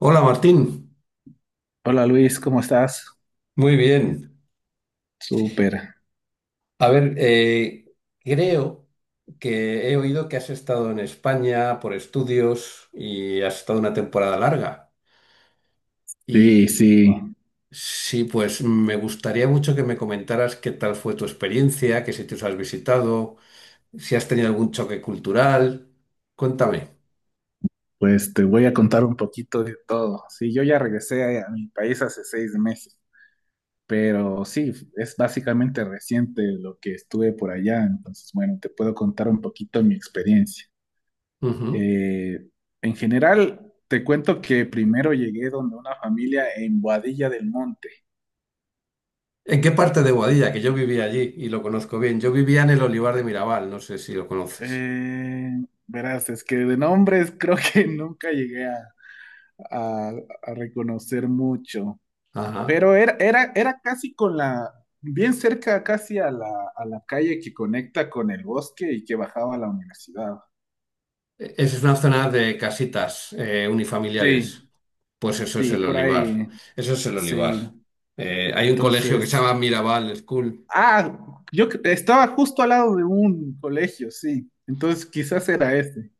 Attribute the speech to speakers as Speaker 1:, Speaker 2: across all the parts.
Speaker 1: Hola Martín,
Speaker 2: Hola Luis, ¿cómo estás?
Speaker 1: muy bien.
Speaker 2: Súper.
Speaker 1: A ver, creo que he oído que has estado en España por estudios y has estado una temporada larga.
Speaker 2: Sí,
Speaker 1: Y
Speaker 2: sí,
Speaker 1: sí, pues me gustaría mucho que me comentaras qué tal fue tu experiencia, qué sitios has visitado, si has tenido algún choque cultural. Cuéntame.
Speaker 2: pues te voy a contar un poquito de todo. Sí, yo ya regresé a mi país hace 6 meses, pero sí, es básicamente reciente lo que estuve por allá, entonces bueno, te puedo contar un poquito mi experiencia.
Speaker 1: Ujú.
Speaker 2: Eh, en general, te cuento que primero llegué donde una familia en Boadilla del Monte.
Speaker 1: ¿En qué parte de Boadilla? Que yo vivía allí y lo conozco bien. Yo vivía en el Olivar de Mirabal, no sé si lo conoces.
Speaker 2: Eh, verás, es que de nombres creo que nunca llegué a a reconocer mucho.
Speaker 1: Ajá.
Speaker 2: Pero era casi con bien cerca casi a a la calle que conecta con el bosque y que bajaba a la universidad.
Speaker 1: Esa es una zona de casitas unifamiliares.
Speaker 2: Sí,
Speaker 1: Pues eso es
Speaker 2: sí,
Speaker 1: el
Speaker 2: por
Speaker 1: Olivar.
Speaker 2: ahí,
Speaker 1: Eso es el Olivar.
Speaker 2: sí.
Speaker 1: Hay un colegio que se
Speaker 2: Entonces,
Speaker 1: llama Mirabal School.
Speaker 2: ah, estaba justo al lado de un colegio, sí. Entonces quizás era este.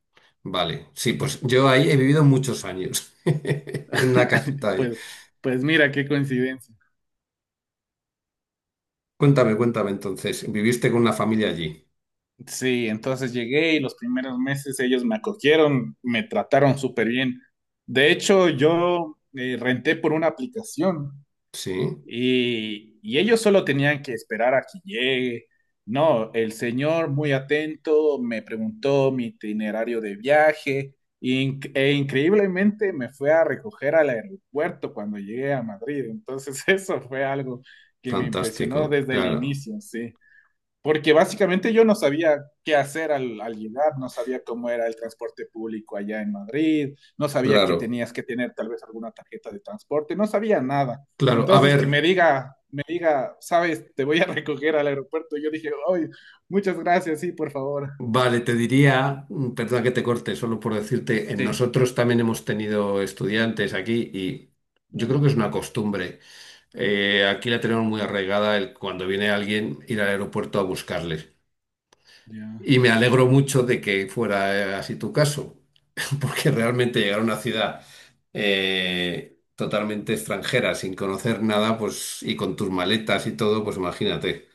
Speaker 1: Vale, sí, pues yo ahí he vivido muchos años, en una casita ahí.
Speaker 2: Pues, pues mira, qué coincidencia.
Speaker 1: Cuéntame, cuéntame entonces, ¿viviste con una familia allí?
Speaker 2: Sí, entonces llegué y los primeros meses ellos me acogieron, me trataron súper bien. De hecho, yo renté por una aplicación.
Speaker 1: Sí,
Speaker 2: Y ellos solo tenían que esperar a que llegue. No, el señor muy atento me preguntó mi itinerario de viaje e increíblemente me fue a recoger al aeropuerto cuando llegué a Madrid. Entonces eso fue algo que me impresionó
Speaker 1: fantástico,
Speaker 2: desde el
Speaker 1: claro,
Speaker 2: inicio, sí. Porque básicamente yo no sabía qué hacer al llegar, no sabía cómo era el transporte público allá en Madrid, no sabía que
Speaker 1: claro,
Speaker 2: tenías que tener tal vez alguna tarjeta de transporte, no sabía nada.
Speaker 1: claro. A
Speaker 2: Entonces
Speaker 1: ver,
Speaker 2: que me diga, sabes, te voy a recoger al aeropuerto. Yo dije, ay, muchas gracias, sí, por favor.
Speaker 1: vale, te diría, perdona que te corte, solo por decirte,
Speaker 2: Sí,
Speaker 1: nosotros también hemos tenido estudiantes aquí y yo creo
Speaker 2: ya,
Speaker 1: que es una costumbre. Aquí la tenemos muy arraigada el, cuando viene alguien ir al aeropuerto a buscarles.
Speaker 2: ya.
Speaker 1: Y me alegro mucho de que fuera así tu caso, porque realmente llegar a una ciudad totalmente extranjera, sin conocer nada, pues, y con tus maletas y todo, pues imagínate.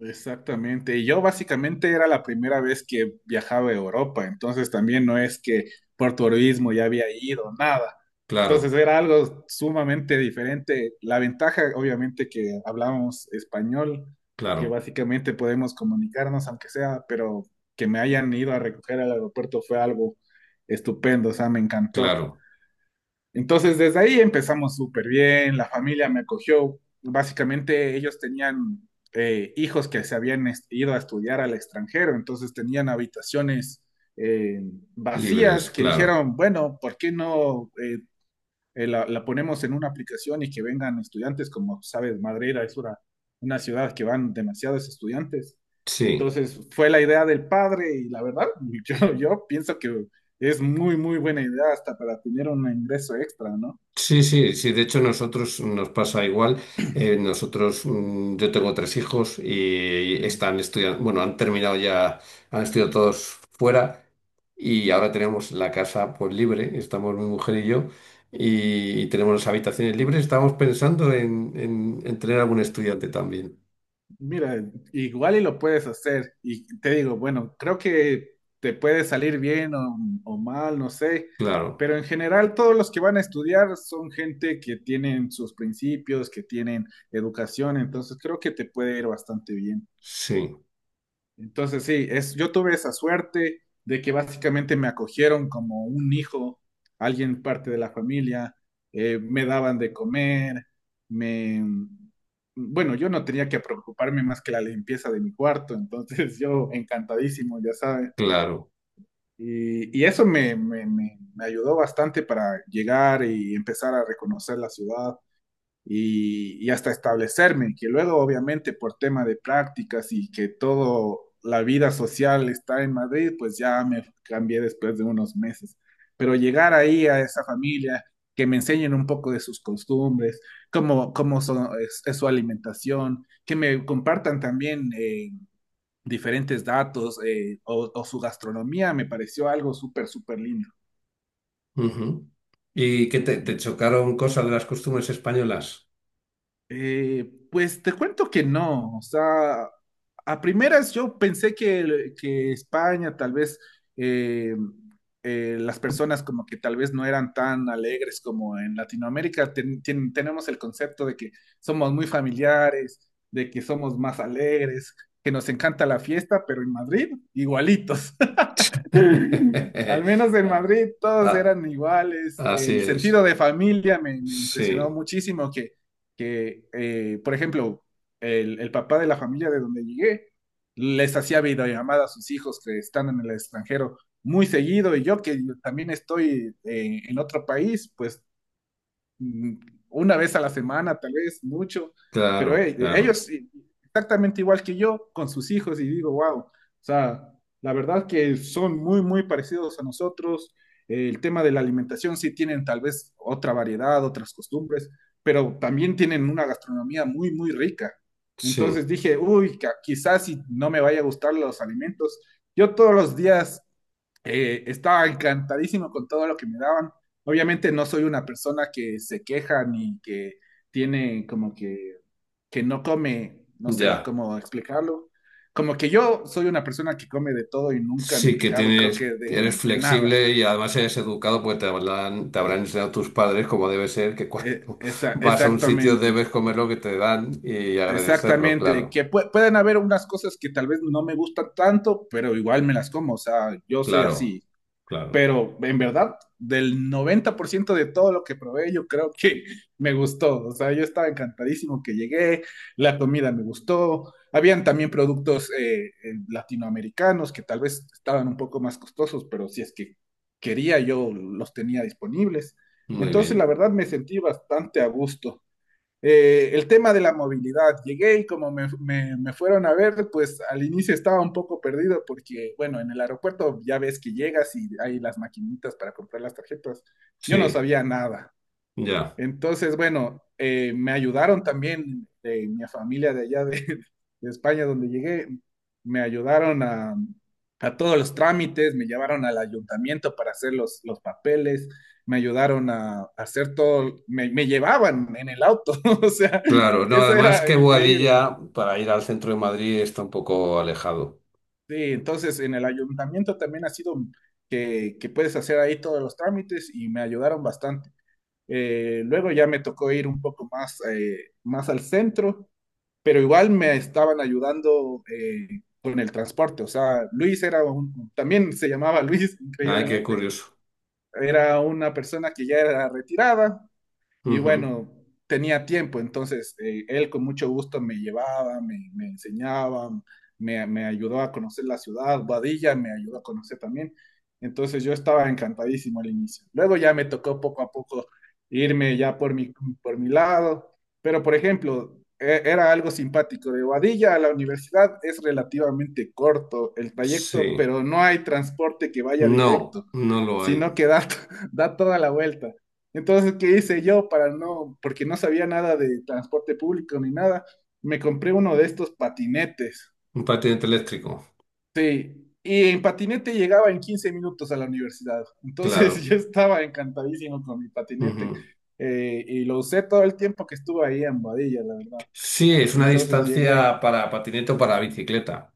Speaker 2: Exactamente. Y yo básicamente era la primera vez que viajaba a Europa, entonces también no es que por turismo ya había ido, nada. Entonces
Speaker 1: Claro,
Speaker 2: era algo sumamente diferente. La ventaja, obviamente, que hablamos español, que
Speaker 1: claro,
Speaker 2: básicamente podemos comunicarnos, aunque sea, pero que me hayan ido a recoger al aeropuerto fue algo estupendo, o sea, me encantó.
Speaker 1: claro.
Speaker 2: Entonces, desde ahí empezamos súper bien, la familia me acogió. Básicamente, ellos tenían hijos que se habían ido a estudiar al extranjero, entonces tenían habitaciones eh,
Speaker 1: Libres,
Speaker 2: vacías que
Speaker 1: claro.
Speaker 2: dijeron, bueno, ¿por qué no? Ponemos en una aplicación y que vengan estudiantes, como sabes, Madrera es una ciudad que van demasiados estudiantes.
Speaker 1: Sí.
Speaker 2: Entonces fue la idea del padre y la verdad, yo pienso que es muy, muy buena idea hasta para tener un ingreso extra, ¿no?
Speaker 1: Sí, sí, sí. De hecho, nosotros nos pasa igual. Nosotros, yo tengo tres hijos y
Speaker 2: Sí.
Speaker 1: están estudiando, bueno, han terminado ya, han estudiado todos fuera y ahora tenemos la casa pues libre. Estamos mi mujer y yo y, tenemos las habitaciones libres. Estamos pensando en tener algún estudiante también.
Speaker 2: Mira, igual y lo puedes hacer. Y te digo, bueno, creo que te puede salir bien o mal, no sé.
Speaker 1: Claro,
Speaker 2: Pero en general, todos los que van a estudiar son gente que tienen sus principios, que tienen educación. Entonces, creo que te puede ir bastante bien.
Speaker 1: sí,
Speaker 2: Entonces, sí, es, yo tuve esa suerte de que básicamente me acogieron como un hijo, alguien parte de la familia, me daban de comer, me... Bueno, yo no tenía que preocuparme más que la limpieza de mi cuarto, entonces yo encantadísimo, ya sabes.
Speaker 1: claro.
Speaker 2: Y eso me ayudó bastante para llegar y empezar a reconocer la ciudad y hasta establecerme, que luego obviamente por tema de prácticas y que todo la vida social está en Madrid, pues ya me cambié después de unos meses. Pero llegar ahí a esa familia, que me enseñen un poco de sus costumbres, cómo son, es su alimentación, que me compartan también diferentes datos o su gastronomía, me pareció algo súper, súper lindo.
Speaker 1: Ujú. ¿Y qué te, te chocaron cosas de las costumbres españolas?
Speaker 2: Eh, pues te cuento que no, o sea, a primeras yo pensé que España tal vez eh, las personas como que tal vez no eran tan alegres como en Latinoamérica. Tenemos el concepto de que somos muy familiares, de que somos más alegres, que nos encanta la fiesta, pero en Madrid igualitos. Al menos en Madrid todos eran iguales.
Speaker 1: Así
Speaker 2: El
Speaker 1: es.
Speaker 2: sentido de familia me impresionó
Speaker 1: Sí,
Speaker 2: muchísimo que por ejemplo, el papá de la familia de donde llegué les hacía videollamada a sus hijos que están en el extranjero muy seguido y yo que también estoy en otro país, pues mm, una vez a la semana, tal vez mucho, pero
Speaker 1: claro,
Speaker 2: hey,
Speaker 1: claro.
Speaker 2: ellos exactamente igual que yo con sus hijos y digo, wow, o sea, la verdad que son muy, muy parecidos a nosotros. El tema de la alimentación sí tienen tal vez otra variedad, otras costumbres, pero también tienen una gastronomía muy, muy rica.
Speaker 1: Sí,
Speaker 2: Entonces dije, uy, quizás si no me vaya a gustar los alimentos, yo todos los días estaba encantadísimo con todo lo que me daban. Obviamente no soy una persona que se queja ni que tiene como que no come, no sé
Speaker 1: ya.
Speaker 2: cómo explicarlo. Como que yo soy una persona que come de todo y nunca me he
Speaker 1: Sí que
Speaker 2: quejado, creo
Speaker 1: tienes,
Speaker 2: que
Speaker 1: eres
Speaker 2: de nada.
Speaker 1: flexible y además eres educado, pues te habrán enseñado tus padres como debe ser, que cuando vas a un sitio
Speaker 2: Exactamente,
Speaker 1: debes comer lo que te dan y agradecerlo,
Speaker 2: exactamente.
Speaker 1: claro,
Speaker 2: Que pueden haber unas cosas que tal vez no me gustan tanto, pero igual me las como. O sea, yo soy
Speaker 1: claro,
Speaker 2: así.
Speaker 1: claro.
Speaker 2: Pero en verdad, del 90% de todo lo que probé, yo creo que me gustó. O sea, yo estaba encantadísimo que llegué, la comida me gustó. Habían también productos latinoamericanos que tal vez estaban un poco más costosos, pero si es que quería, yo los tenía disponibles.
Speaker 1: Muy
Speaker 2: Entonces, la
Speaker 1: bien.
Speaker 2: verdad, me sentí bastante a gusto. El tema de la movilidad, llegué y como me fueron a ver, pues al inicio estaba un poco perdido porque, bueno, en el aeropuerto ya ves que llegas y hay las maquinitas para comprar las tarjetas. Yo no
Speaker 1: Sí,
Speaker 2: sabía nada.
Speaker 1: ya.
Speaker 2: Entonces, bueno, me ayudaron también de mi familia de allá de, de España, donde llegué, me ayudaron a todos los trámites, me llevaron al ayuntamiento para hacer los papeles, me ayudaron a hacer todo, me llevaban en el auto, o sea,
Speaker 1: Claro, no,
Speaker 2: eso
Speaker 1: además
Speaker 2: era
Speaker 1: que
Speaker 2: increíble.
Speaker 1: Boadilla para ir al centro de Madrid está un poco alejado.
Speaker 2: Sí, entonces en el ayuntamiento también ha sido que puedes hacer ahí todos los trámites y me ayudaron bastante. Luego ya me tocó ir un poco más, más al centro pero igual me estaban ayudando con el transporte. O sea, Luis era un, también se llamaba Luis,
Speaker 1: Ay, qué
Speaker 2: increíblemente,
Speaker 1: curioso.
Speaker 2: era una persona que ya era retirada, y
Speaker 1: Ujú,
Speaker 2: bueno, tenía tiempo, entonces él con mucho gusto me llevaba, me enseñaba, me ayudó a conocer la ciudad, Guadilla me ayudó a conocer también. Entonces yo estaba encantadísimo al inicio. Luego ya me tocó poco a poco irme ya por por mi lado, pero por ejemplo, era algo simpático. De Guadilla a la universidad es relativamente corto el trayecto,
Speaker 1: sí.
Speaker 2: pero no hay transporte que vaya
Speaker 1: No,
Speaker 2: directo,
Speaker 1: no lo hay.
Speaker 2: sino que da, da toda la vuelta. Entonces, ¿qué hice yo para no, porque no sabía nada de transporte público ni nada? Me compré uno de estos patinetes.
Speaker 1: Un patinete eléctrico,
Speaker 2: Sí, y en patinete llegaba en 15 minutos a la universidad. Entonces, yo
Speaker 1: claro.
Speaker 2: estaba encantadísimo con mi patinete
Speaker 1: Ujú.
Speaker 2: y lo usé todo el tiempo que estuve ahí en Boadilla, la verdad.
Speaker 1: Sí, es una
Speaker 2: Entonces llegué,
Speaker 1: distancia para patinete o para bicicleta.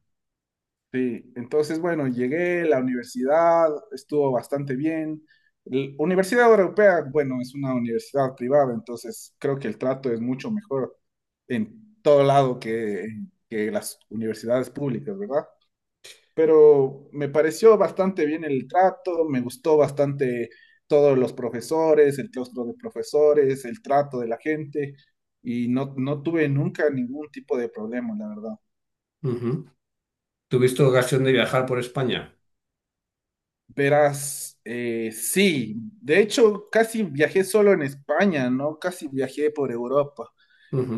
Speaker 2: Sí, entonces bueno, llegué, la universidad estuvo bastante bien. La Universidad Europea, bueno, es una universidad privada, entonces creo que el trato es mucho mejor en todo lado que las universidades públicas, ¿verdad? Pero me pareció bastante bien el trato, me gustó bastante todos los profesores, el claustro de profesores, el trato de la gente y no, no tuve nunca ningún tipo de problema, la verdad.
Speaker 1: Ujú. ¿Tuviste ocasión de viajar por España?
Speaker 2: Verás, sí, de hecho casi viajé solo en España, ¿no? Casi viajé por Europa.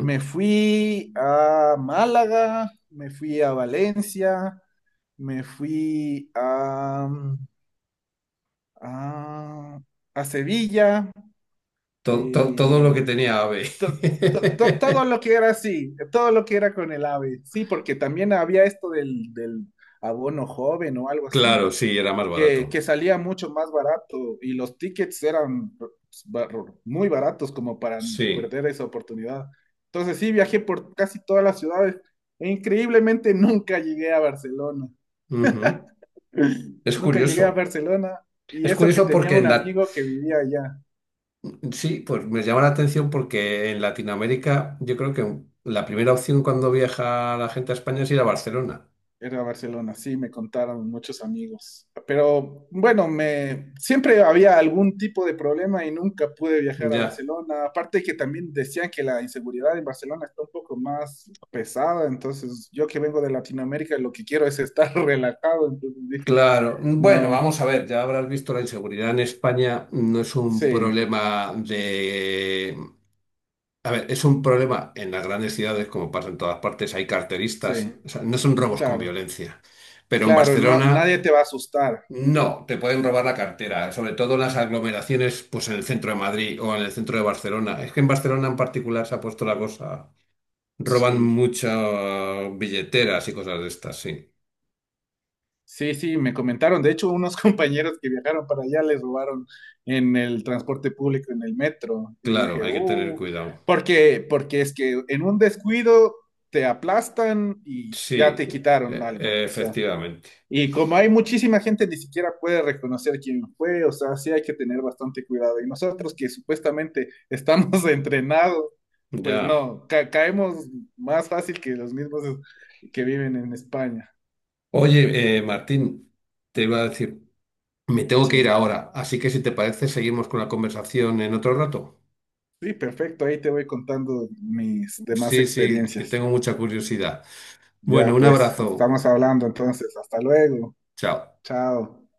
Speaker 2: Me fui a Málaga, me fui a Valencia, me fui a, a Sevilla,
Speaker 1: To- to- todo lo que
Speaker 2: eh,
Speaker 1: tenía AVE.
Speaker 2: to- todo lo que era así, todo lo que era con el AVE, sí, porque también había esto del abono joven o algo
Speaker 1: Claro,
Speaker 2: así.
Speaker 1: sí, era más
Speaker 2: Que
Speaker 1: barato.
Speaker 2: salía mucho más barato y los tickets eran muy baratos como para
Speaker 1: Sí.
Speaker 2: perder esa oportunidad. Entonces sí, viajé por casi todas las ciudades e increíblemente nunca llegué a Barcelona.
Speaker 1: Ujú. Es
Speaker 2: Nunca llegué a
Speaker 1: curioso.
Speaker 2: Barcelona y
Speaker 1: Es
Speaker 2: eso que
Speaker 1: curioso
Speaker 2: tenía
Speaker 1: porque
Speaker 2: un
Speaker 1: en la...
Speaker 2: amigo que vivía allá.
Speaker 1: Sí, pues me llama la atención porque en Latinoamérica yo creo que la primera opción cuando viaja la gente a España es ir a Barcelona.
Speaker 2: Era Barcelona, sí, me contaron muchos amigos. Pero bueno, me siempre había algún tipo de problema y nunca pude viajar a
Speaker 1: Ya.
Speaker 2: Barcelona. Aparte que también decían que la inseguridad en Barcelona está un poco más pesada, entonces yo que vengo de Latinoamérica lo que quiero es estar relajado, entonces dije,
Speaker 1: Claro, bueno,
Speaker 2: no,
Speaker 1: vamos a ver, ya habrás visto la inseguridad en España no es un
Speaker 2: sí,
Speaker 1: problema de... A ver, es un problema en las grandes ciudades, como pasa en todas partes, hay carteristas,
Speaker 2: sí,
Speaker 1: o sea, no son robos con
Speaker 2: claro,
Speaker 1: violencia, pero en
Speaker 2: claro, no,
Speaker 1: Barcelona
Speaker 2: nadie te va a asustar.
Speaker 1: no, te pueden robar la cartera, sobre todo en las aglomeraciones, pues en el centro de Madrid o en el centro de Barcelona. Es que en Barcelona en particular se ha puesto la cosa, roban
Speaker 2: Sí.
Speaker 1: muchas billeteras y cosas de estas, sí.
Speaker 2: Sí, sí, me comentaron. De hecho, unos compañeros que viajaron para allá les robaron en el transporte público, en el metro. Y dije,
Speaker 1: Claro, hay que tener cuidado.
Speaker 2: porque es que en un descuido te aplastan y ya
Speaker 1: Sí,
Speaker 2: te
Speaker 1: e-
Speaker 2: quitaron algo. O
Speaker 1: e-
Speaker 2: sea,
Speaker 1: efectivamente.
Speaker 2: y como hay muchísima gente, ni siquiera puede reconocer quién fue. O sea, sí hay que tener bastante cuidado. Y nosotros que supuestamente estamos entrenados, pues
Speaker 1: Ya.
Speaker 2: no, caemos más fácil que los mismos que viven en España.
Speaker 1: Oye, Martín, te iba a decir, me tengo que
Speaker 2: Sí.
Speaker 1: ir ahora, así que si te parece, seguimos con la conversación en otro rato.
Speaker 2: Sí, perfecto. Ahí te voy contando mis demás
Speaker 1: Sí, sí, que
Speaker 2: experiencias.
Speaker 1: tengo mucha curiosidad. Bueno,
Speaker 2: Ya
Speaker 1: un
Speaker 2: pues,
Speaker 1: abrazo.
Speaker 2: estamos hablando entonces. Hasta luego.
Speaker 1: Chao.
Speaker 2: Chao.